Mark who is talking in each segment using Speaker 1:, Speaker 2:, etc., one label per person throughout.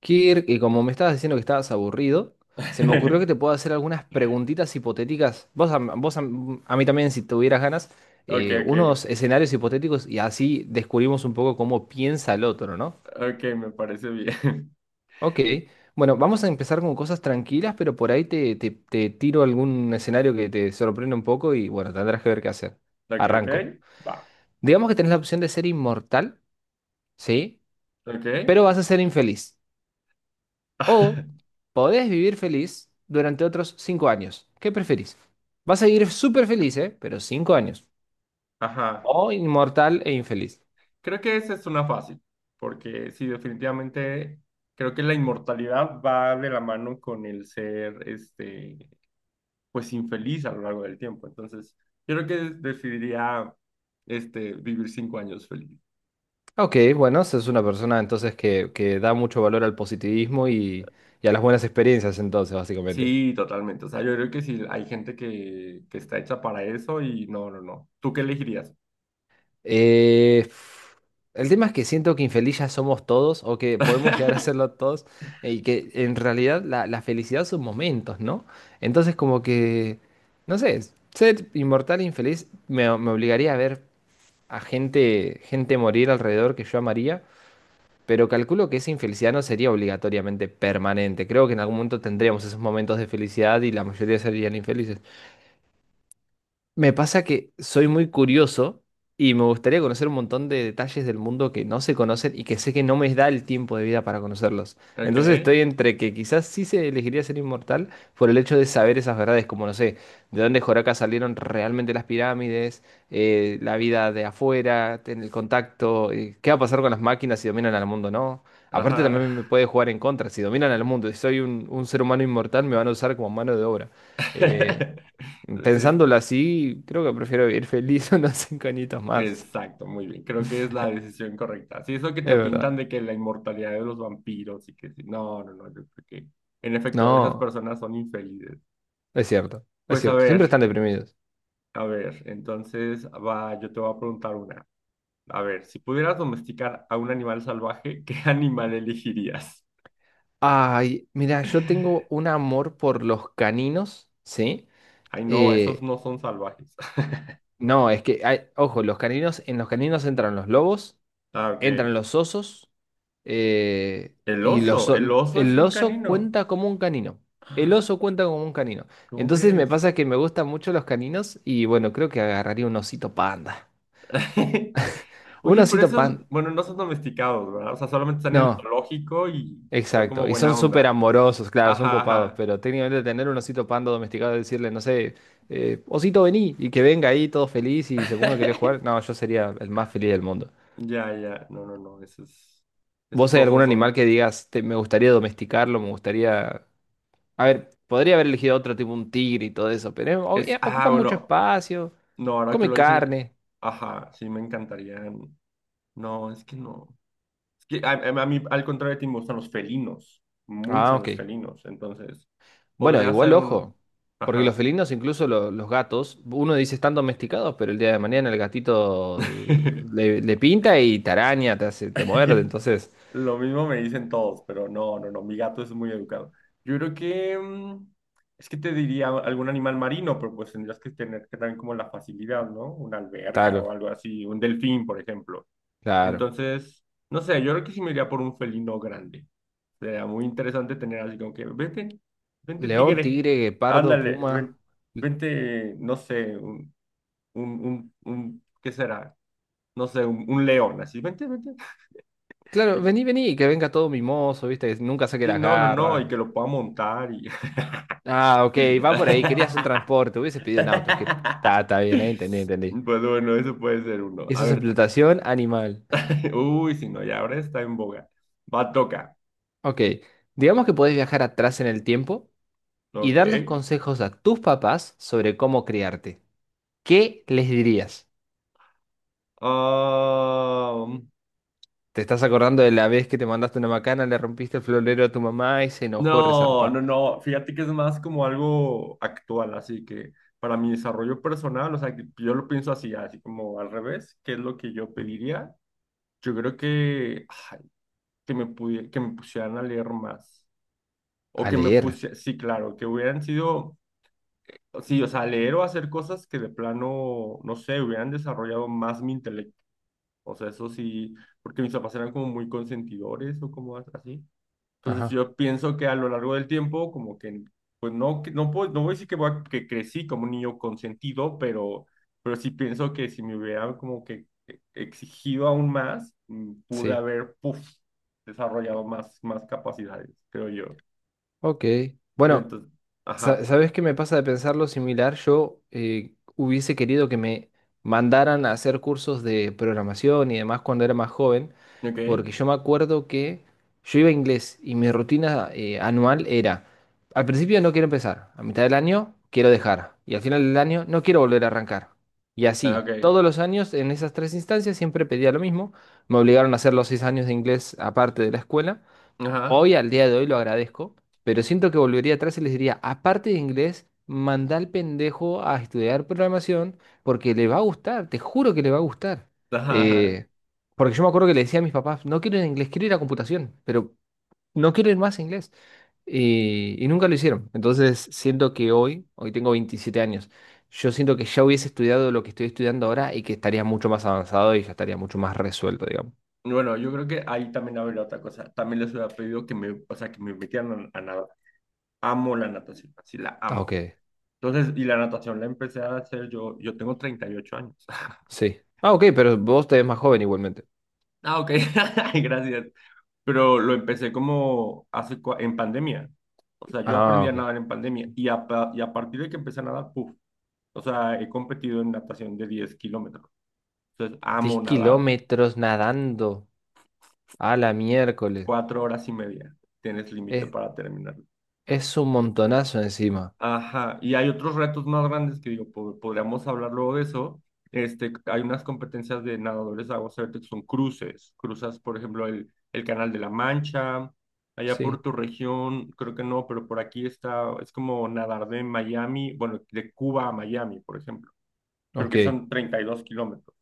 Speaker 1: Kirk, y como me estabas diciendo que estabas aburrido, se me ocurrió que te puedo hacer algunas preguntitas hipotéticas. A mí también, si tuvieras ganas,
Speaker 2: Ok, ok,
Speaker 1: unos escenarios hipotéticos y así descubrimos un poco cómo piensa el otro, ¿no?
Speaker 2: ok, me parece bien.
Speaker 1: Ok, bueno, vamos a empezar con cosas tranquilas, pero por ahí te tiro algún escenario que te sorprenda un poco y bueno, tendrás que ver qué hacer.
Speaker 2: Ok, ok,
Speaker 1: Arranco.
Speaker 2: va.
Speaker 1: Digamos que tenés la opción de ser inmortal, ¿sí?
Speaker 2: Ok.
Speaker 1: Pero vas a ser infeliz. O podés vivir feliz durante otros 5 años. ¿Qué preferís? Vas a vivir súper feliz, ¿eh? Pero 5 años.
Speaker 2: Ajá.
Speaker 1: O inmortal e infeliz.
Speaker 2: Creo que esa es una fácil, porque sí, definitivamente creo que la inmortalidad va de la mano con el ser, pues infeliz a lo largo del tiempo. Entonces, yo creo que decidiría, vivir 5 años feliz.
Speaker 1: Ok, bueno, esa es una persona entonces que da mucho valor al positivismo y a las buenas experiencias entonces, básicamente.
Speaker 2: Sí, totalmente. O sea, yo creo que sí, hay gente que está hecha para eso y no, no, no. ¿Tú qué elegirías?
Speaker 1: Eh, el tema es que siento que infeliz ya somos todos o que podemos llegar a serlo todos y que en realidad la felicidad son momentos, ¿no? Entonces como que, no sé, ser inmortal e infeliz me obligaría a ver a gente morir alrededor que yo amaría, pero calculo que esa infelicidad no sería obligatoriamente permanente. Creo que en algún momento tendríamos esos momentos de felicidad y la mayoría serían infelices. Me pasa que soy muy curioso y me gustaría conocer un montón de detalles del mundo que no se conocen y que sé que no me da el tiempo de vida para conocerlos.
Speaker 2: Ok.
Speaker 1: Entonces estoy entre que quizás sí se elegiría ser inmortal por el hecho de saber esas verdades, como no sé, de dónde Joraca salieron realmente las pirámides, la vida de afuera, en el contacto, qué va a pasar con las máquinas si dominan al mundo, ¿no? Aparte
Speaker 2: Ajá.
Speaker 1: también me puede jugar en contra, si dominan al mundo y soy un ser humano inmortal me van a usar como mano de obra. Eh,
Speaker 2: Sí,
Speaker 1: Pensándolo así, creo que prefiero vivir feliz unos 5 añitos más.
Speaker 2: exacto, muy bien. Creo que es la decisión correcta. Sí, eso que
Speaker 1: Es
Speaker 2: te
Speaker 1: verdad.
Speaker 2: pintan de que la inmortalidad de los vampiros y que sí. No, no, no, yo creo que en efecto esas
Speaker 1: No,
Speaker 2: personas son infelices.
Speaker 1: es cierto, es
Speaker 2: Pues
Speaker 1: cierto. Siempre están deprimidos.
Speaker 2: a ver, entonces va, yo te voy a preguntar una. A ver, si pudieras domesticar a un animal salvaje, ¿qué animal elegirías?
Speaker 1: Ay, mira, yo tengo un amor por los caninos, ¿sí?
Speaker 2: Ay, no, esos
Speaker 1: Eh,
Speaker 2: no son salvajes.
Speaker 1: no, es que, hay, ojo, los caninos, en los caninos entran los lobos,
Speaker 2: Ah, ok.
Speaker 1: entran los osos, eh,
Speaker 2: El
Speaker 1: y los,
Speaker 2: oso,
Speaker 1: o-
Speaker 2: el oso es
Speaker 1: el
Speaker 2: un
Speaker 1: oso
Speaker 2: canino.
Speaker 1: cuenta como un canino. El oso cuenta como un canino.
Speaker 2: ¿Cómo
Speaker 1: Entonces me
Speaker 2: crees?
Speaker 1: pasa que me gustan mucho los caninos y bueno, creo que agarraría un osito panda. Un
Speaker 2: Oye, pero
Speaker 1: osito
Speaker 2: esos,
Speaker 1: pan.
Speaker 2: bueno, no son domesticados, ¿verdad? O sea, solamente están en el
Speaker 1: No,
Speaker 2: zoológico y son
Speaker 1: exacto.
Speaker 2: como
Speaker 1: Y son
Speaker 2: buena
Speaker 1: súper
Speaker 2: onda.
Speaker 1: amorosos, claro, son
Speaker 2: Ajá,
Speaker 1: copados,
Speaker 2: ajá.
Speaker 1: pero técnicamente tener un osito panda domesticado y decirle, no sé, osito vení, y que venga ahí todo feliz y se ponga a querer jugar, no, yo sería el más feliz del mundo.
Speaker 2: Ya, ya. No, no, no. Esos
Speaker 1: ¿Vos hay algún
Speaker 2: osos
Speaker 1: animal
Speaker 2: son.
Speaker 1: que digas, me gustaría domesticarlo, me gustaría... A ver, podría haber elegido otro tipo, un tigre y todo eso, pero ocupa
Speaker 2: Ah,
Speaker 1: mucho
Speaker 2: bueno.
Speaker 1: espacio,
Speaker 2: No, ahora que
Speaker 1: come
Speaker 2: lo dices,
Speaker 1: carne.
Speaker 2: ajá, sí me encantarían. No, es que no. Es que a mí, al contrario de ti, me gustan los felinos.
Speaker 1: Ah,
Speaker 2: Mucho los
Speaker 1: ok.
Speaker 2: felinos. Entonces,
Speaker 1: Bueno,
Speaker 2: podría
Speaker 1: igual
Speaker 2: ser un.
Speaker 1: ojo, porque los
Speaker 2: Ajá.
Speaker 1: felinos, incluso los gatos, uno dice están domesticados, pero el día de mañana el gatito le pinta y te araña, te hace, te muerde, entonces,
Speaker 2: Lo mismo me dicen todos, pero no, no, no, mi gato es muy educado. Yo creo que es que te diría algún animal marino, pero pues tendrías que tener que también como la facilidad, ¿no? Una alberca
Speaker 1: claro,
Speaker 2: o algo así, un delfín, por ejemplo.
Speaker 1: claro.
Speaker 2: Entonces, no sé, yo creo que sí me iría por un felino grande. Sería muy interesante tener así como que, vente, vente
Speaker 1: León,
Speaker 2: tigre,
Speaker 1: tigre, guepardo,
Speaker 2: ándale,
Speaker 1: puma.
Speaker 2: vente, no sé, ¿qué será? No sé, un león, así, vente, vente.
Speaker 1: Claro, vení, vení, que venga todo mimoso, viste, que nunca saque
Speaker 2: Sí,
Speaker 1: las
Speaker 2: no, no, no,
Speaker 1: garras.
Speaker 2: y que lo pueda montar y...
Speaker 1: Ah, ok, va por ahí, querías un transporte, hubieses pedido un auto, Kirk. Está, está bien, ahí
Speaker 2: Pues
Speaker 1: entendí, entendí.
Speaker 2: bueno, eso puede ser uno. A
Speaker 1: Eso es
Speaker 2: ver,
Speaker 1: explotación animal.
Speaker 2: uy, si no, ya ahora está en boga. Va, toca.
Speaker 1: Ok, digamos que podés viajar atrás en el tiempo y
Speaker 2: Ok.
Speaker 1: darles consejos a tus papás sobre cómo criarte. ¿Qué les dirías?
Speaker 2: Ah,
Speaker 1: ¿Te estás acordando de la vez que te mandaste una macana, le rompiste el florero a tu mamá y se enojó
Speaker 2: no,
Speaker 1: resarpa?
Speaker 2: no, no. Fíjate que es más como algo actual, así que para mi desarrollo personal, o sea, que yo lo pienso así, así como al revés, ¿qué es lo que yo pediría? Yo creo que, ay, que me pusieran a leer más. O
Speaker 1: A
Speaker 2: que me
Speaker 1: leer.
Speaker 2: puse, sí, claro, que hubieran sido, sí, o sea, leer o hacer cosas que de plano, no sé, hubieran desarrollado más mi intelecto. O sea, eso sí, porque mis papás eran como muy consentidores o como así. Entonces
Speaker 1: Ajá.
Speaker 2: yo pienso que a lo largo del tiempo, como que, pues no, no puedo, no voy a decir que, que crecí como un niño consentido, pero sí pienso que si me hubieran como que exigido aún más, pude
Speaker 1: Sí.
Speaker 2: haber, puf, desarrollado más capacidades, creo yo.
Speaker 1: Ok.
Speaker 2: Sí,
Speaker 1: Bueno,
Speaker 2: entonces, ajá.
Speaker 1: ¿Sabes qué me pasa de pensar lo similar? Yo hubiese querido que me mandaran a hacer cursos de programación y demás cuando era más joven,
Speaker 2: Ok,
Speaker 1: porque yo me acuerdo que yo iba a inglés y mi rutina anual era, al principio no quiero empezar, a mitad del año quiero dejar y al final del año no quiero volver a arrancar. Y
Speaker 2: ah,
Speaker 1: así,
Speaker 2: ok,
Speaker 1: todos los años en esas tres instancias siempre pedía lo mismo, me obligaron a hacer los 6 años de inglés aparte de la escuela.
Speaker 2: ajá,
Speaker 1: Hoy, al día de hoy, lo agradezco, pero siento que volvería atrás y les diría, aparte de inglés, manda al pendejo a estudiar programación porque le va a gustar, te juro que le va a gustar.
Speaker 2: ajá, ajá.
Speaker 1: Eh, Porque yo me acuerdo que le decía a mis papás, no quiero ir a inglés, quiero ir a computación, pero no quiero ir más a inglés. Y nunca lo hicieron. Entonces, siento que hoy tengo 27 años, yo siento que ya hubiese estudiado lo que estoy estudiando ahora y que estaría mucho más avanzado y ya estaría mucho más resuelto, digamos.
Speaker 2: Bueno, yo creo que ahí también habría otra cosa. También les hubiera pedido que me, o sea, que me metieran a, nadar. Amo la natación, así la
Speaker 1: Ah, ok.
Speaker 2: amo. Entonces, y la natación la empecé a hacer yo, yo tengo 38 años.
Speaker 1: Sí. Ah, ok, pero vos te ves más joven igualmente.
Speaker 2: Ah, ok, ay, gracias. Pero lo empecé como hace, en pandemia. O sea, yo
Speaker 1: Ah,
Speaker 2: aprendí a
Speaker 1: ok.
Speaker 2: nadar en pandemia y a partir de que empecé a nadar, puf, o sea, he competido en natación de 10 kilómetros. Entonces,
Speaker 1: Diez
Speaker 2: amo nadar.
Speaker 1: kilómetros nadando a la miércoles.
Speaker 2: 4 horas y media. Tienes límite
Speaker 1: Es,
Speaker 2: para terminarlo.
Speaker 1: es un montonazo encima.
Speaker 2: Ajá. Y hay otros retos más grandes que digo, podríamos hablar luego de eso. Hay unas competencias de nadadores de aguas abiertas que son cruces. Cruzas, por ejemplo, el Canal de la Mancha. Allá por
Speaker 1: Sí.
Speaker 2: tu región, creo que no, pero por aquí está, es como nadar de Miami, bueno, de Cuba a Miami, por ejemplo. Creo que
Speaker 1: Ok.
Speaker 2: son 32 kilómetros.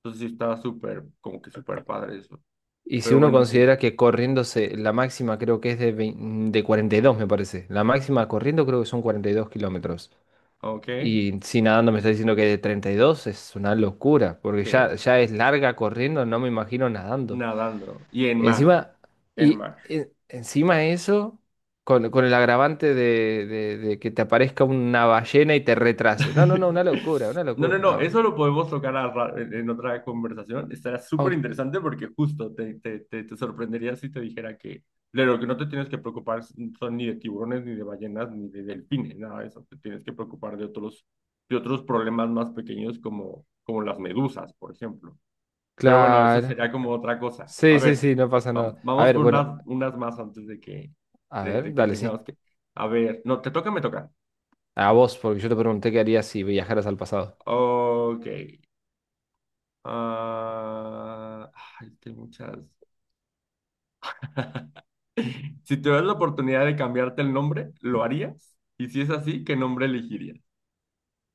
Speaker 2: Entonces sí está súper, como que súper padre eso.
Speaker 1: Y si
Speaker 2: Pero
Speaker 1: uno
Speaker 2: bueno, sí.
Speaker 1: considera que corriéndose, la máxima creo que es de, de 42 me parece. La máxima corriendo creo que son 42 kilómetros.
Speaker 2: Ok.
Speaker 1: Y si nadando me está diciendo que es de 32 es una locura. Porque
Speaker 2: Sí.
Speaker 1: ya, ya es larga corriendo, no me imagino nadando.
Speaker 2: Nadando. Y en mar.
Speaker 1: Encima,
Speaker 2: En
Speaker 1: y
Speaker 2: Mash.
Speaker 1: encima eso, con, con el agravante de que te aparezca una ballena y te retrase. No, no, no, una
Speaker 2: No, no,
Speaker 1: locura,
Speaker 2: no, eso
Speaker 1: no.
Speaker 2: lo podemos tocar en otra conversación. Estará súper
Speaker 1: Au-
Speaker 2: interesante porque justo te sorprendería si te dijera que de lo que no te tienes que preocupar son ni de tiburones, ni de ballenas, ni de delfines, nada de eso. Te tienes que preocupar de otros, problemas más pequeños como las medusas, por ejemplo. Pero bueno, eso
Speaker 1: claro.
Speaker 2: sería como otra cosa. A
Speaker 1: Sí, sí,
Speaker 2: ver,
Speaker 1: sí, no pasa nada. A
Speaker 2: vamos
Speaker 1: ver,
Speaker 2: por
Speaker 1: bueno,
Speaker 2: unas más antes de que,
Speaker 1: a
Speaker 2: de, de
Speaker 1: ver,
Speaker 2: que
Speaker 1: dale, sí.
Speaker 2: tengamos que... A ver, no, te toca, o me toca.
Speaker 1: A vos, porque yo te pregunté qué harías si viajaras al pasado.
Speaker 2: Ok. Ah, ay, es que hay muchas. Si tuvieras la oportunidad de cambiarte el nombre, ¿lo harías? Y si es así, ¿qué nombre elegirías?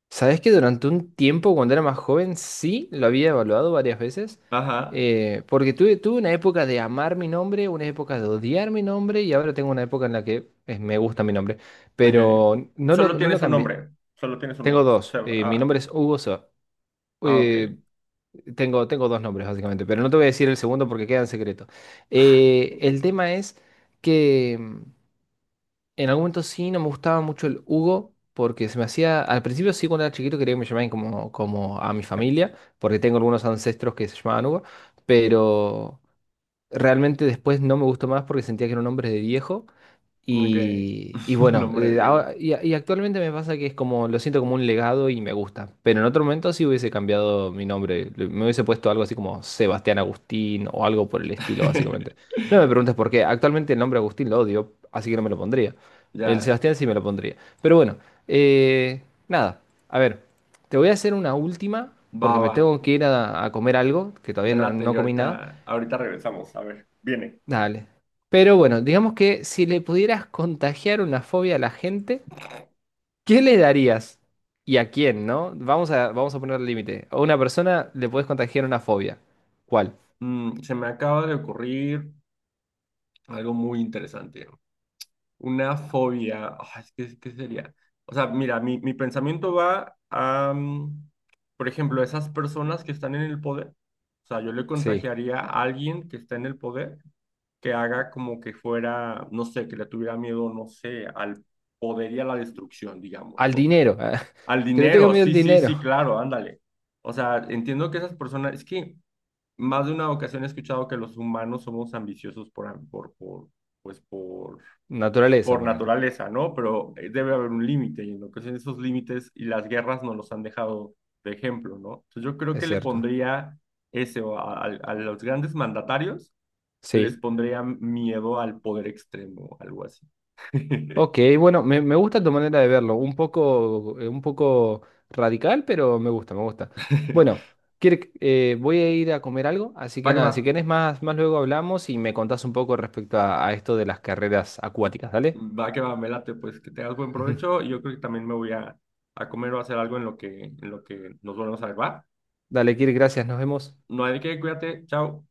Speaker 1: Sabes que durante un tiempo, cuando era más joven, sí lo había evaluado varias veces.
Speaker 2: Ajá,
Speaker 1: Porque tuve una época de amar mi nombre, una época de odiar mi nombre, y ahora tengo una época en la que me gusta mi nombre.
Speaker 2: ok.
Speaker 1: Pero no
Speaker 2: Solo
Speaker 1: lo, no lo
Speaker 2: tienes un
Speaker 1: cambié.
Speaker 2: nombre. Solo tienes un
Speaker 1: Tengo
Speaker 2: nombre. O
Speaker 1: dos.
Speaker 2: sea,
Speaker 1: Mi
Speaker 2: ah,
Speaker 1: nombre es Hugo Soa.
Speaker 2: ah, ok.
Speaker 1: eh, tengo dos nombres, básicamente. Pero no te voy a decir el segundo porque queda en secreto. El tema es que. En algún momento sí, no me gustaba mucho el Hugo, porque se me hacía, al principio sí, cuando era chiquito quería que me llamaran como, como a mi familia, porque tengo algunos ancestros que se llamaban Hugo, pero realmente después no me gustó más porque sentía que era un nombre de viejo
Speaker 2: Ok.
Speaker 1: y bueno,
Speaker 2: Nombre viejo.
Speaker 1: actualmente me pasa que es como, lo siento como un legado y me gusta. Pero en otro momento sí hubiese cambiado mi nombre. Me hubiese puesto algo así como Sebastián Agustín o algo por el estilo, básicamente. No me preguntes por qué. Actualmente el nombre Agustín lo odio, así que no me lo pondría. El
Speaker 2: Ya,
Speaker 1: Sebastián sí me lo pondría. Pero bueno, eh, nada. A ver, te voy a hacer una última porque me
Speaker 2: baba.
Speaker 1: tengo que ir a comer algo, que
Speaker 2: Me
Speaker 1: todavía no
Speaker 2: late y
Speaker 1: no comí nada.
Speaker 2: ahorita, ahorita regresamos. A ver, viene.
Speaker 1: Dale. Pero bueno, digamos que si le pudieras contagiar una fobia a la gente, ¿qué le darías? ¿Y a quién, no? Vamos a poner el límite. A una persona le puedes contagiar una fobia. ¿Cuál?
Speaker 2: Se me acaba de ocurrir algo muy interesante. Una fobia. Ah, es que, ¿qué sería? O sea, mira, mi pensamiento va a, por ejemplo, esas personas que están en el poder. O sea, yo le
Speaker 1: Sí.
Speaker 2: contagiaría a alguien que está en el poder que haga como que fuera, no sé, que le tuviera miedo, no sé, al poder y a la destrucción, digamos,
Speaker 1: Al
Speaker 2: no sé.
Speaker 1: dinero.
Speaker 2: Al
Speaker 1: Que le tenga
Speaker 2: dinero,
Speaker 1: miedo al
Speaker 2: sí, sí,
Speaker 1: dinero.
Speaker 2: sí, claro, ándale. O sea, entiendo que esas personas, es que más de una ocasión he escuchado que los humanos somos ambiciosos por, am- por, pues
Speaker 1: Naturaleza,
Speaker 2: por
Speaker 1: ponele.
Speaker 2: naturaleza, ¿no? Pero debe haber un límite y en lo que son esos límites y las guerras nos los han dejado de ejemplo, ¿no? Entonces yo creo
Speaker 1: Es
Speaker 2: que le
Speaker 1: cierto.
Speaker 2: pondría ese o a, a los grandes mandatarios, les
Speaker 1: Sí.
Speaker 2: pondría miedo al poder extremo, algo así.
Speaker 1: Ok, bueno, me gusta tu manera de verlo, un poco radical, pero me gusta, me gusta. Bueno, voy a ir a comer algo, así
Speaker 2: Va
Speaker 1: que
Speaker 2: que va,
Speaker 1: nada, si querés más luego hablamos y me contás un poco respecto a esto de las carreras acuáticas, dale.
Speaker 2: va que va, me late, pues que tengas buen
Speaker 1: Ujú.
Speaker 2: provecho y yo creo que también me voy a, comer o a hacer algo en lo que nos volvemos a ver, ¿va?
Speaker 1: Dale, Kirk, gracias, nos vemos.
Speaker 2: No hay de qué, cuídate, chao.